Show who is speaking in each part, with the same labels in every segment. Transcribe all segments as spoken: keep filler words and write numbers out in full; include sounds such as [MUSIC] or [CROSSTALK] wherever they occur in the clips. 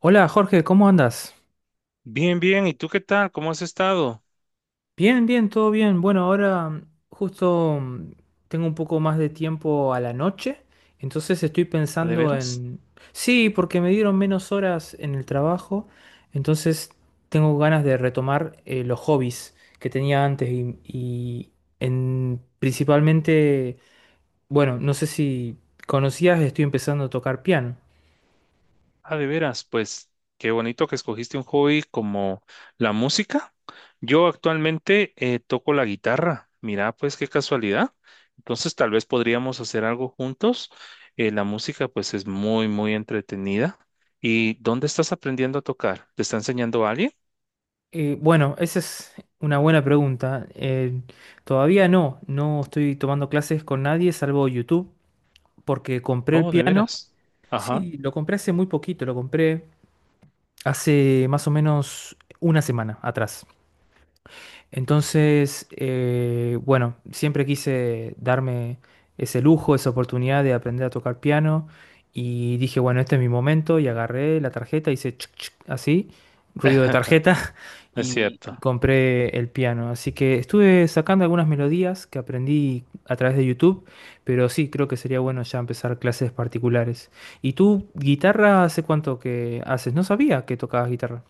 Speaker 1: Hola Jorge, ¿cómo andas?
Speaker 2: Bien, bien. ¿Y tú qué tal? ¿Cómo has estado?
Speaker 1: Bien, bien, todo bien. Bueno, ahora mm, justo mm, tengo un poco más de tiempo a la noche, entonces estoy
Speaker 2: ¿A de
Speaker 1: pensando
Speaker 2: veras?
Speaker 1: en... Sí, porque me dieron menos horas en el trabajo, entonces tengo ganas de retomar eh, los hobbies que tenía antes y, y en... principalmente, bueno, no sé si conocías, estoy empezando a tocar piano.
Speaker 2: ¿A de veras? Pues qué bonito que escogiste un hobby como la música. Yo actualmente eh, toco la guitarra. Mira, pues qué casualidad. Entonces tal vez podríamos hacer algo juntos. Eh, la música pues es muy, muy entretenida. ¿Y dónde estás aprendiendo a tocar? ¿Te está enseñando alguien?
Speaker 1: Eh, bueno, esa es una buena pregunta. Eh, todavía no, no estoy tomando clases con nadie salvo YouTube, porque compré el
Speaker 2: Oh, de
Speaker 1: piano.
Speaker 2: veras. Ajá.
Speaker 1: Sí, lo compré hace muy poquito, lo compré hace más o menos una semana atrás. Entonces, eh, bueno, siempre quise darme ese lujo, esa oportunidad de aprender a tocar piano y dije, bueno, este es mi momento y agarré la tarjeta, hice chuc, chuc, así, ruido de
Speaker 2: [LAUGHS]
Speaker 1: tarjeta [LAUGHS]
Speaker 2: Es
Speaker 1: y, y
Speaker 2: cierto.
Speaker 1: compré el piano. Así que estuve sacando algunas melodías que aprendí a través de YouTube, pero sí, creo que sería bueno ya empezar clases particulares. ¿Y tú, guitarra, hace cuánto que haces? No sabía que tocabas guitarra.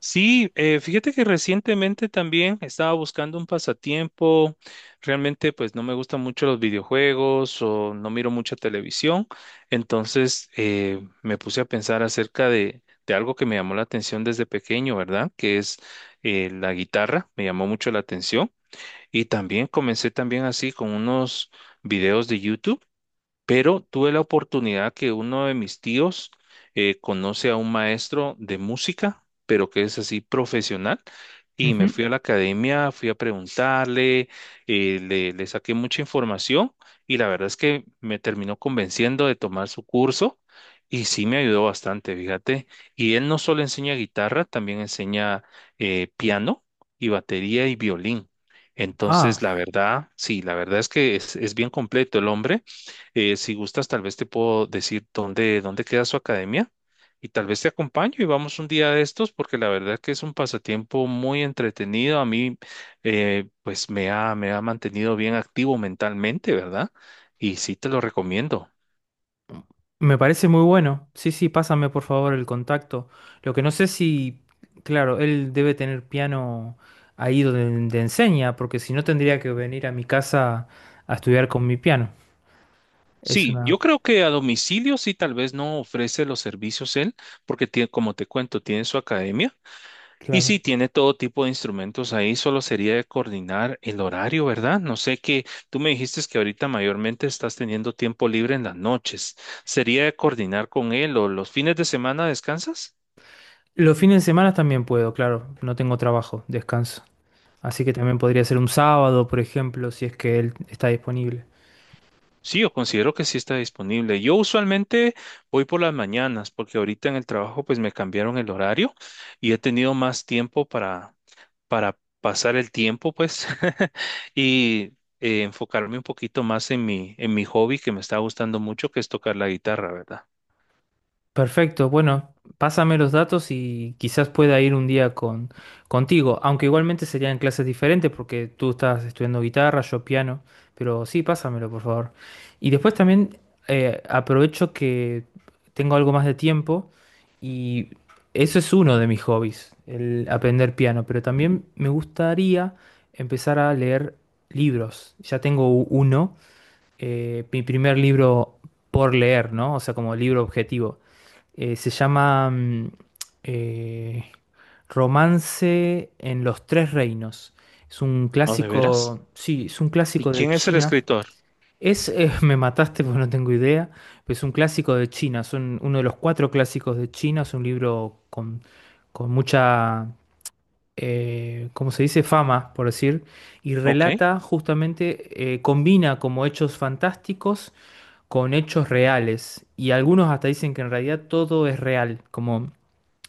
Speaker 2: Sí, eh, fíjate que recientemente también estaba buscando un pasatiempo. Realmente, pues no me gustan mucho los videojuegos o no miro mucha televisión. Entonces, eh, me puse a pensar acerca de, de algo que me llamó la atención desde pequeño, ¿verdad? Que es eh, la guitarra. Me llamó mucho la atención. Y también comencé también así con unos videos de YouTube, pero tuve la oportunidad que uno de mis tíos eh, conoce a un maestro de música, pero que es así profesional, y me
Speaker 1: Ujú.
Speaker 2: fui a la academia, fui a preguntarle, eh, le, le saqué mucha información y la verdad es que me terminó convenciendo de tomar su curso. Y sí me ayudó bastante, fíjate. Y él no solo enseña guitarra, también enseña eh, piano y batería y violín.
Speaker 1: Ah.
Speaker 2: Entonces, la verdad, sí, la verdad es que es, es bien completo el hombre. Eh, si gustas, tal vez te puedo decir dónde, dónde queda su academia y tal vez te acompaño y vamos un día de estos porque la verdad que es un pasatiempo muy entretenido. A mí, eh, pues me ha, me ha mantenido bien activo mentalmente, ¿verdad? Y sí te lo recomiendo.
Speaker 1: Me parece muy bueno. Sí, sí, pásame por favor el contacto. Lo que no sé si, claro, él debe tener piano ahí donde, te enseña, porque si no tendría que venir a mi casa a estudiar con mi piano. Es
Speaker 2: Sí,
Speaker 1: una...
Speaker 2: yo creo que a domicilio sí tal vez no ofrece los servicios él porque tiene, como te cuento, tiene su academia. Y sí,
Speaker 1: Claro.
Speaker 2: tiene todo tipo de instrumentos ahí, solo sería de coordinar el horario, ¿verdad? No sé qué, tú me dijiste que ahorita mayormente estás teniendo tiempo libre en las noches. ¿Sería de coordinar con él o los fines de semana descansas?
Speaker 1: Los fines de semana también puedo, claro. No tengo trabajo, descanso. Así que también podría ser un sábado, por ejemplo, si es que él está disponible.
Speaker 2: Sí, yo considero que sí está disponible. Yo usualmente voy por las mañanas porque ahorita en el trabajo pues me cambiaron el horario y he tenido más tiempo para, para pasar el tiempo pues [LAUGHS] y eh, enfocarme un poquito más en mi, en mi hobby que me está gustando mucho que es tocar la guitarra, ¿verdad?
Speaker 1: Perfecto, bueno, pásame los datos y quizás pueda ir un día con, contigo, aunque igualmente serían clases diferentes porque tú estás estudiando guitarra, yo piano, pero sí, pásamelo, por favor. Y después también eh, aprovecho que tengo algo más de tiempo y eso es uno de mis hobbies, el aprender piano, pero también me gustaría empezar a leer libros. Ya tengo u- uno eh, mi primer libro por leer, ¿no? O sea, como libro objetivo. Eh, se llama mm, eh, Romance en los Tres Reinos. Es un
Speaker 2: ¿No, de
Speaker 1: clásico,
Speaker 2: veras?
Speaker 1: sí, es un
Speaker 2: ¿Y
Speaker 1: clásico de
Speaker 2: quién es el
Speaker 1: China.
Speaker 2: escritor?
Speaker 1: Es, eh, [LAUGHS] me mataste porque no tengo idea, pero es un clásico de China, son uno de los cuatro clásicos de China, es un libro con, con mucha, eh, ¿cómo se dice? Fama, por decir, y
Speaker 2: Ok.
Speaker 1: relata justamente, eh, combina como hechos fantásticos con hechos reales. Y algunos hasta dicen que en realidad todo es real, como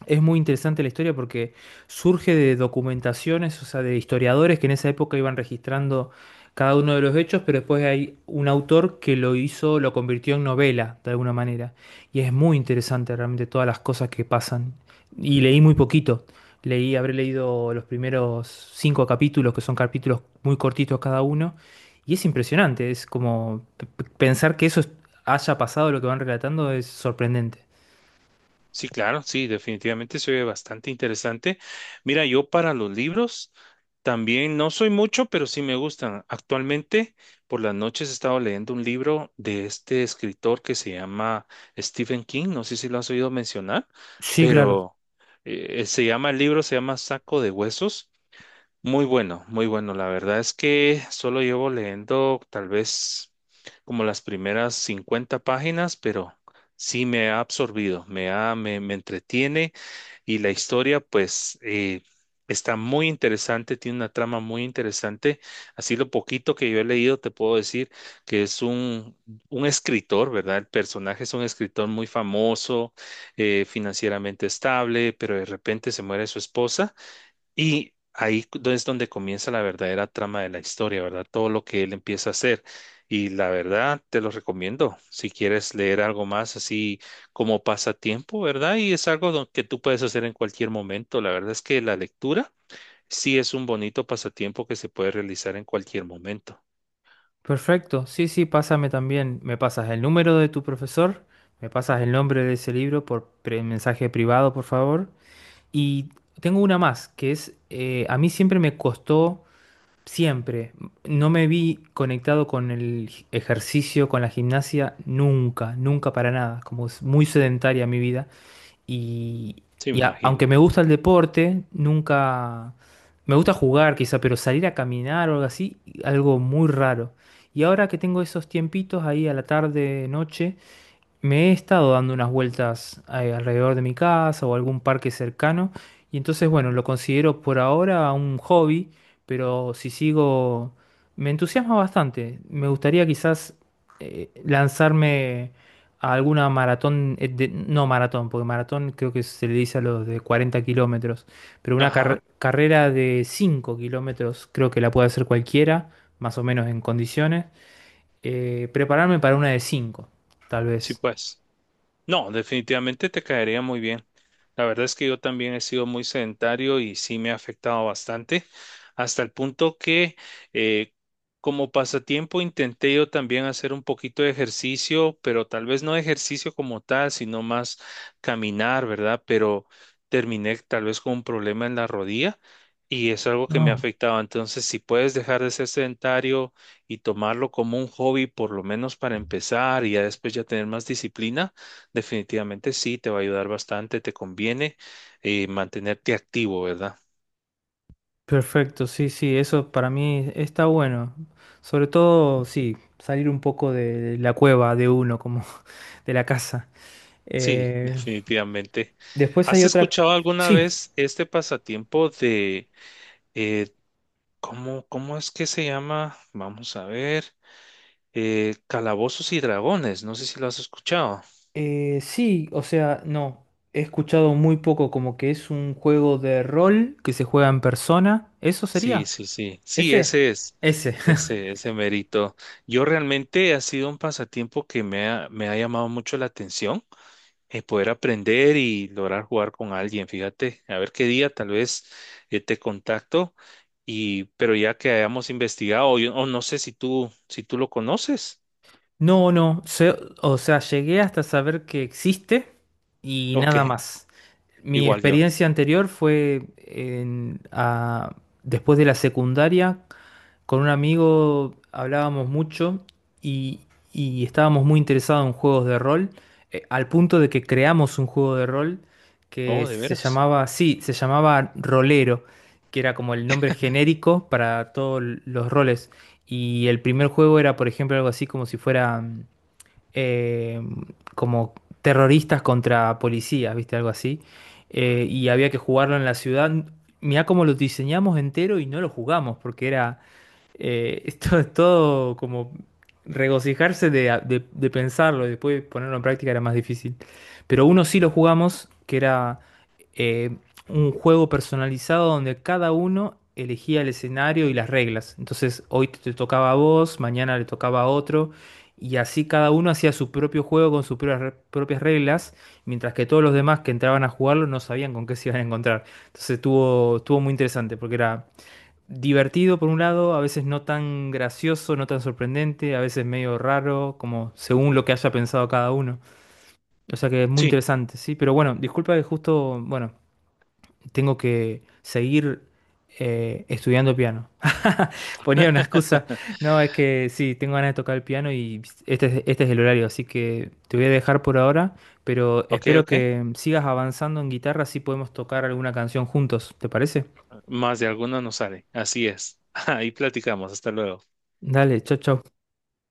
Speaker 1: es muy interesante la historia porque surge de documentaciones, o sea, de historiadores que en esa época iban registrando cada uno de los hechos, pero después hay un autor que lo hizo, lo convirtió en novela, de alguna manera. Y es muy interesante realmente todas las cosas que pasan. Y leí muy poquito. Leí, habré leído los primeros cinco capítulos, que son capítulos muy cortitos cada uno. Y es impresionante, es como p- p- pensar que eso es- haya pasado, lo que van relatando, es sorprendente.
Speaker 2: Sí, claro, sí, definitivamente se oye bastante interesante. Mira, yo para los libros también no soy mucho, pero sí me gustan. Actualmente, por las noches he estado leyendo un libro de este escritor que se llama Stephen King. No sé si lo has oído mencionar,
Speaker 1: Sí, claro.
Speaker 2: pero eh, se llama, el libro se llama Saco de Huesos. Muy bueno, muy bueno. La verdad es que solo llevo leyendo tal vez como las primeras cincuenta páginas, pero sí me ha absorbido, me ha, me, me entretiene y la historia pues eh, está muy interesante, tiene una trama muy interesante. Así lo poquito que yo he leído te puedo decir que es un, un escritor, ¿verdad? El personaje es un escritor muy famoso, eh, financieramente estable, pero de repente se muere su esposa y ahí es donde comienza la verdadera trama de la historia, ¿verdad? Todo lo que él empieza a hacer. Y la verdad, te lo recomiendo. Si quieres leer algo más así como pasatiempo, ¿verdad? Y es algo don- que tú puedes hacer en cualquier momento. La verdad es que la lectura sí es un bonito pasatiempo que se puede realizar en cualquier momento.
Speaker 1: Perfecto, sí, sí, pásame también. Me pasas el número de tu profesor, me pasas el nombre de ese libro por pre- mensaje privado, por favor. Y tengo una más, que es, eh, a mí siempre me costó, siempre, no me vi conectado con el gi- ejercicio, con la gimnasia, nunca, nunca para nada, como es muy sedentaria mi vida. Y,
Speaker 2: Sí, me
Speaker 1: y a- aunque
Speaker 2: imagino.
Speaker 1: me gusta el deporte, nunca... Me gusta jugar quizá, pero salir a caminar o algo así, algo muy raro. Y ahora que tengo esos tiempitos ahí a la tarde, noche, me he estado dando unas vueltas eh, alrededor de mi casa o algún parque cercano y entonces, bueno, lo considero por ahora un hobby, pero si sigo, me entusiasma bastante. Me gustaría quizás eh, lanzarme a alguna maratón, eh, de- no maratón, porque maratón creo que se le dice a los de cuarenta kilómetros, pero una
Speaker 2: Ajá.
Speaker 1: car- carrera de cinco kilómetros creo que la puede hacer cualquiera, más o menos en condiciones. Eh, prepararme para una de cinco tal
Speaker 2: Sí,
Speaker 1: vez.
Speaker 2: pues. No, definitivamente te caería muy bien. La verdad es que yo también he sido muy sedentario y sí me ha afectado bastante, hasta el punto que eh, como pasatiempo intenté yo también hacer un poquito de ejercicio, pero tal vez no ejercicio como tal, sino más caminar, ¿verdad? Pero terminé tal vez con un problema en la rodilla y es algo que me ha
Speaker 1: No,
Speaker 2: afectado. Entonces, si puedes dejar de ser sedentario y tomarlo como un hobby, por lo menos para empezar y ya después ya tener más disciplina. Definitivamente sí, te va a ayudar bastante, te conviene eh, mantenerte activo, ¿verdad?
Speaker 1: perfecto, sí, sí, eso para mí está bueno. Sobre todo, sí, salir un poco de la cueva de uno, como [LAUGHS] de la casa.
Speaker 2: Sí, [LAUGHS]
Speaker 1: Eh,
Speaker 2: definitivamente.
Speaker 1: después hay
Speaker 2: ¿Has
Speaker 1: otra...
Speaker 2: escuchado alguna
Speaker 1: Sí,
Speaker 2: vez este pasatiempo de, eh, cómo, cómo es que se llama? Vamos a ver, eh, Calabozos y Dragones, no sé si lo has escuchado.
Speaker 1: eh, sí, o sea, no, he escuchado muy poco como que es un juego de rol que se juega en persona. ¿Eso
Speaker 2: Sí,
Speaker 1: sería?
Speaker 2: sí, sí, sí,
Speaker 1: Ese,
Speaker 2: ese es,
Speaker 1: ese. [LAUGHS]
Speaker 2: ese, ese mérito. Yo realmente ha sido un pasatiempo que me ha, me ha llamado mucho la atención. Eh, poder aprender y lograr jugar con alguien. Fíjate, a ver qué día tal vez eh, te contacto y pero ya que hayamos investigado, yo o no sé si tú si tú lo conoces.
Speaker 1: No, no, se- o sea, llegué hasta saber que existe y
Speaker 2: Ok,
Speaker 1: nada más. Mi
Speaker 2: igual yo.
Speaker 1: experiencia anterior fue en- a- después de la secundaria con un amigo hablábamos mucho y, y estábamos muy interesados en juegos de rol, eh, al punto de que creamos un juego de rol que
Speaker 2: Oh, de
Speaker 1: se
Speaker 2: veras.
Speaker 1: llamaba, sí, se llamaba Rolero, que era como el nombre genérico para todos los roles. Y el primer juego era, por ejemplo, algo así como si fuera mm, eh, como terroristas contra policías, ¿viste? Algo así. Eh, y había que jugarlo en la ciudad. Mirá cómo lo diseñamos entero y no lo jugamos, porque era eh, [LAUGHS] esto es todo como regocijarse de, de- de pensarlo y después ponerlo en práctica era más difícil. Pero uno sí lo jugamos, que era eh, un juego personalizado donde cada uno elegía el escenario y las reglas. Entonces hoy te te tocaba a vos, mañana le tocaba a otro. Y así cada uno hacía su propio juego con sus propias re- propias reglas, mientras que todos los demás que entraban a jugarlo no sabían con qué se iban a encontrar. Entonces estuvo, estuvo muy interesante porque era divertido por un lado, a veces no tan gracioso, no tan sorprendente, a veces medio raro, como según lo que haya pensado cada uno. O sea que es muy
Speaker 2: Sí,
Speaker 1: interesante, sí. Pero bueno, disculpa que justo, bueno, tengo que seguir eh, estudiando piano. [LAUGHS] Ponía una excusa. No, es que sí, tengo ganas de tocar el piano y este es, este es el horario, así que te voy a dejar por ahora, pero
Speaker 2: ok,
Speaker 1: espero
Speaker 2: ok.
Speaker 1: que sigas avanzando en guitarra, así podemos tocar alguna canción juntos, ¿te parece?
Speaker 2: Más de alguna nos sale. Así es. [LAUGHS] Ahí platicamos. Hasta luego.
Speaker 1: Dale, chau, chau.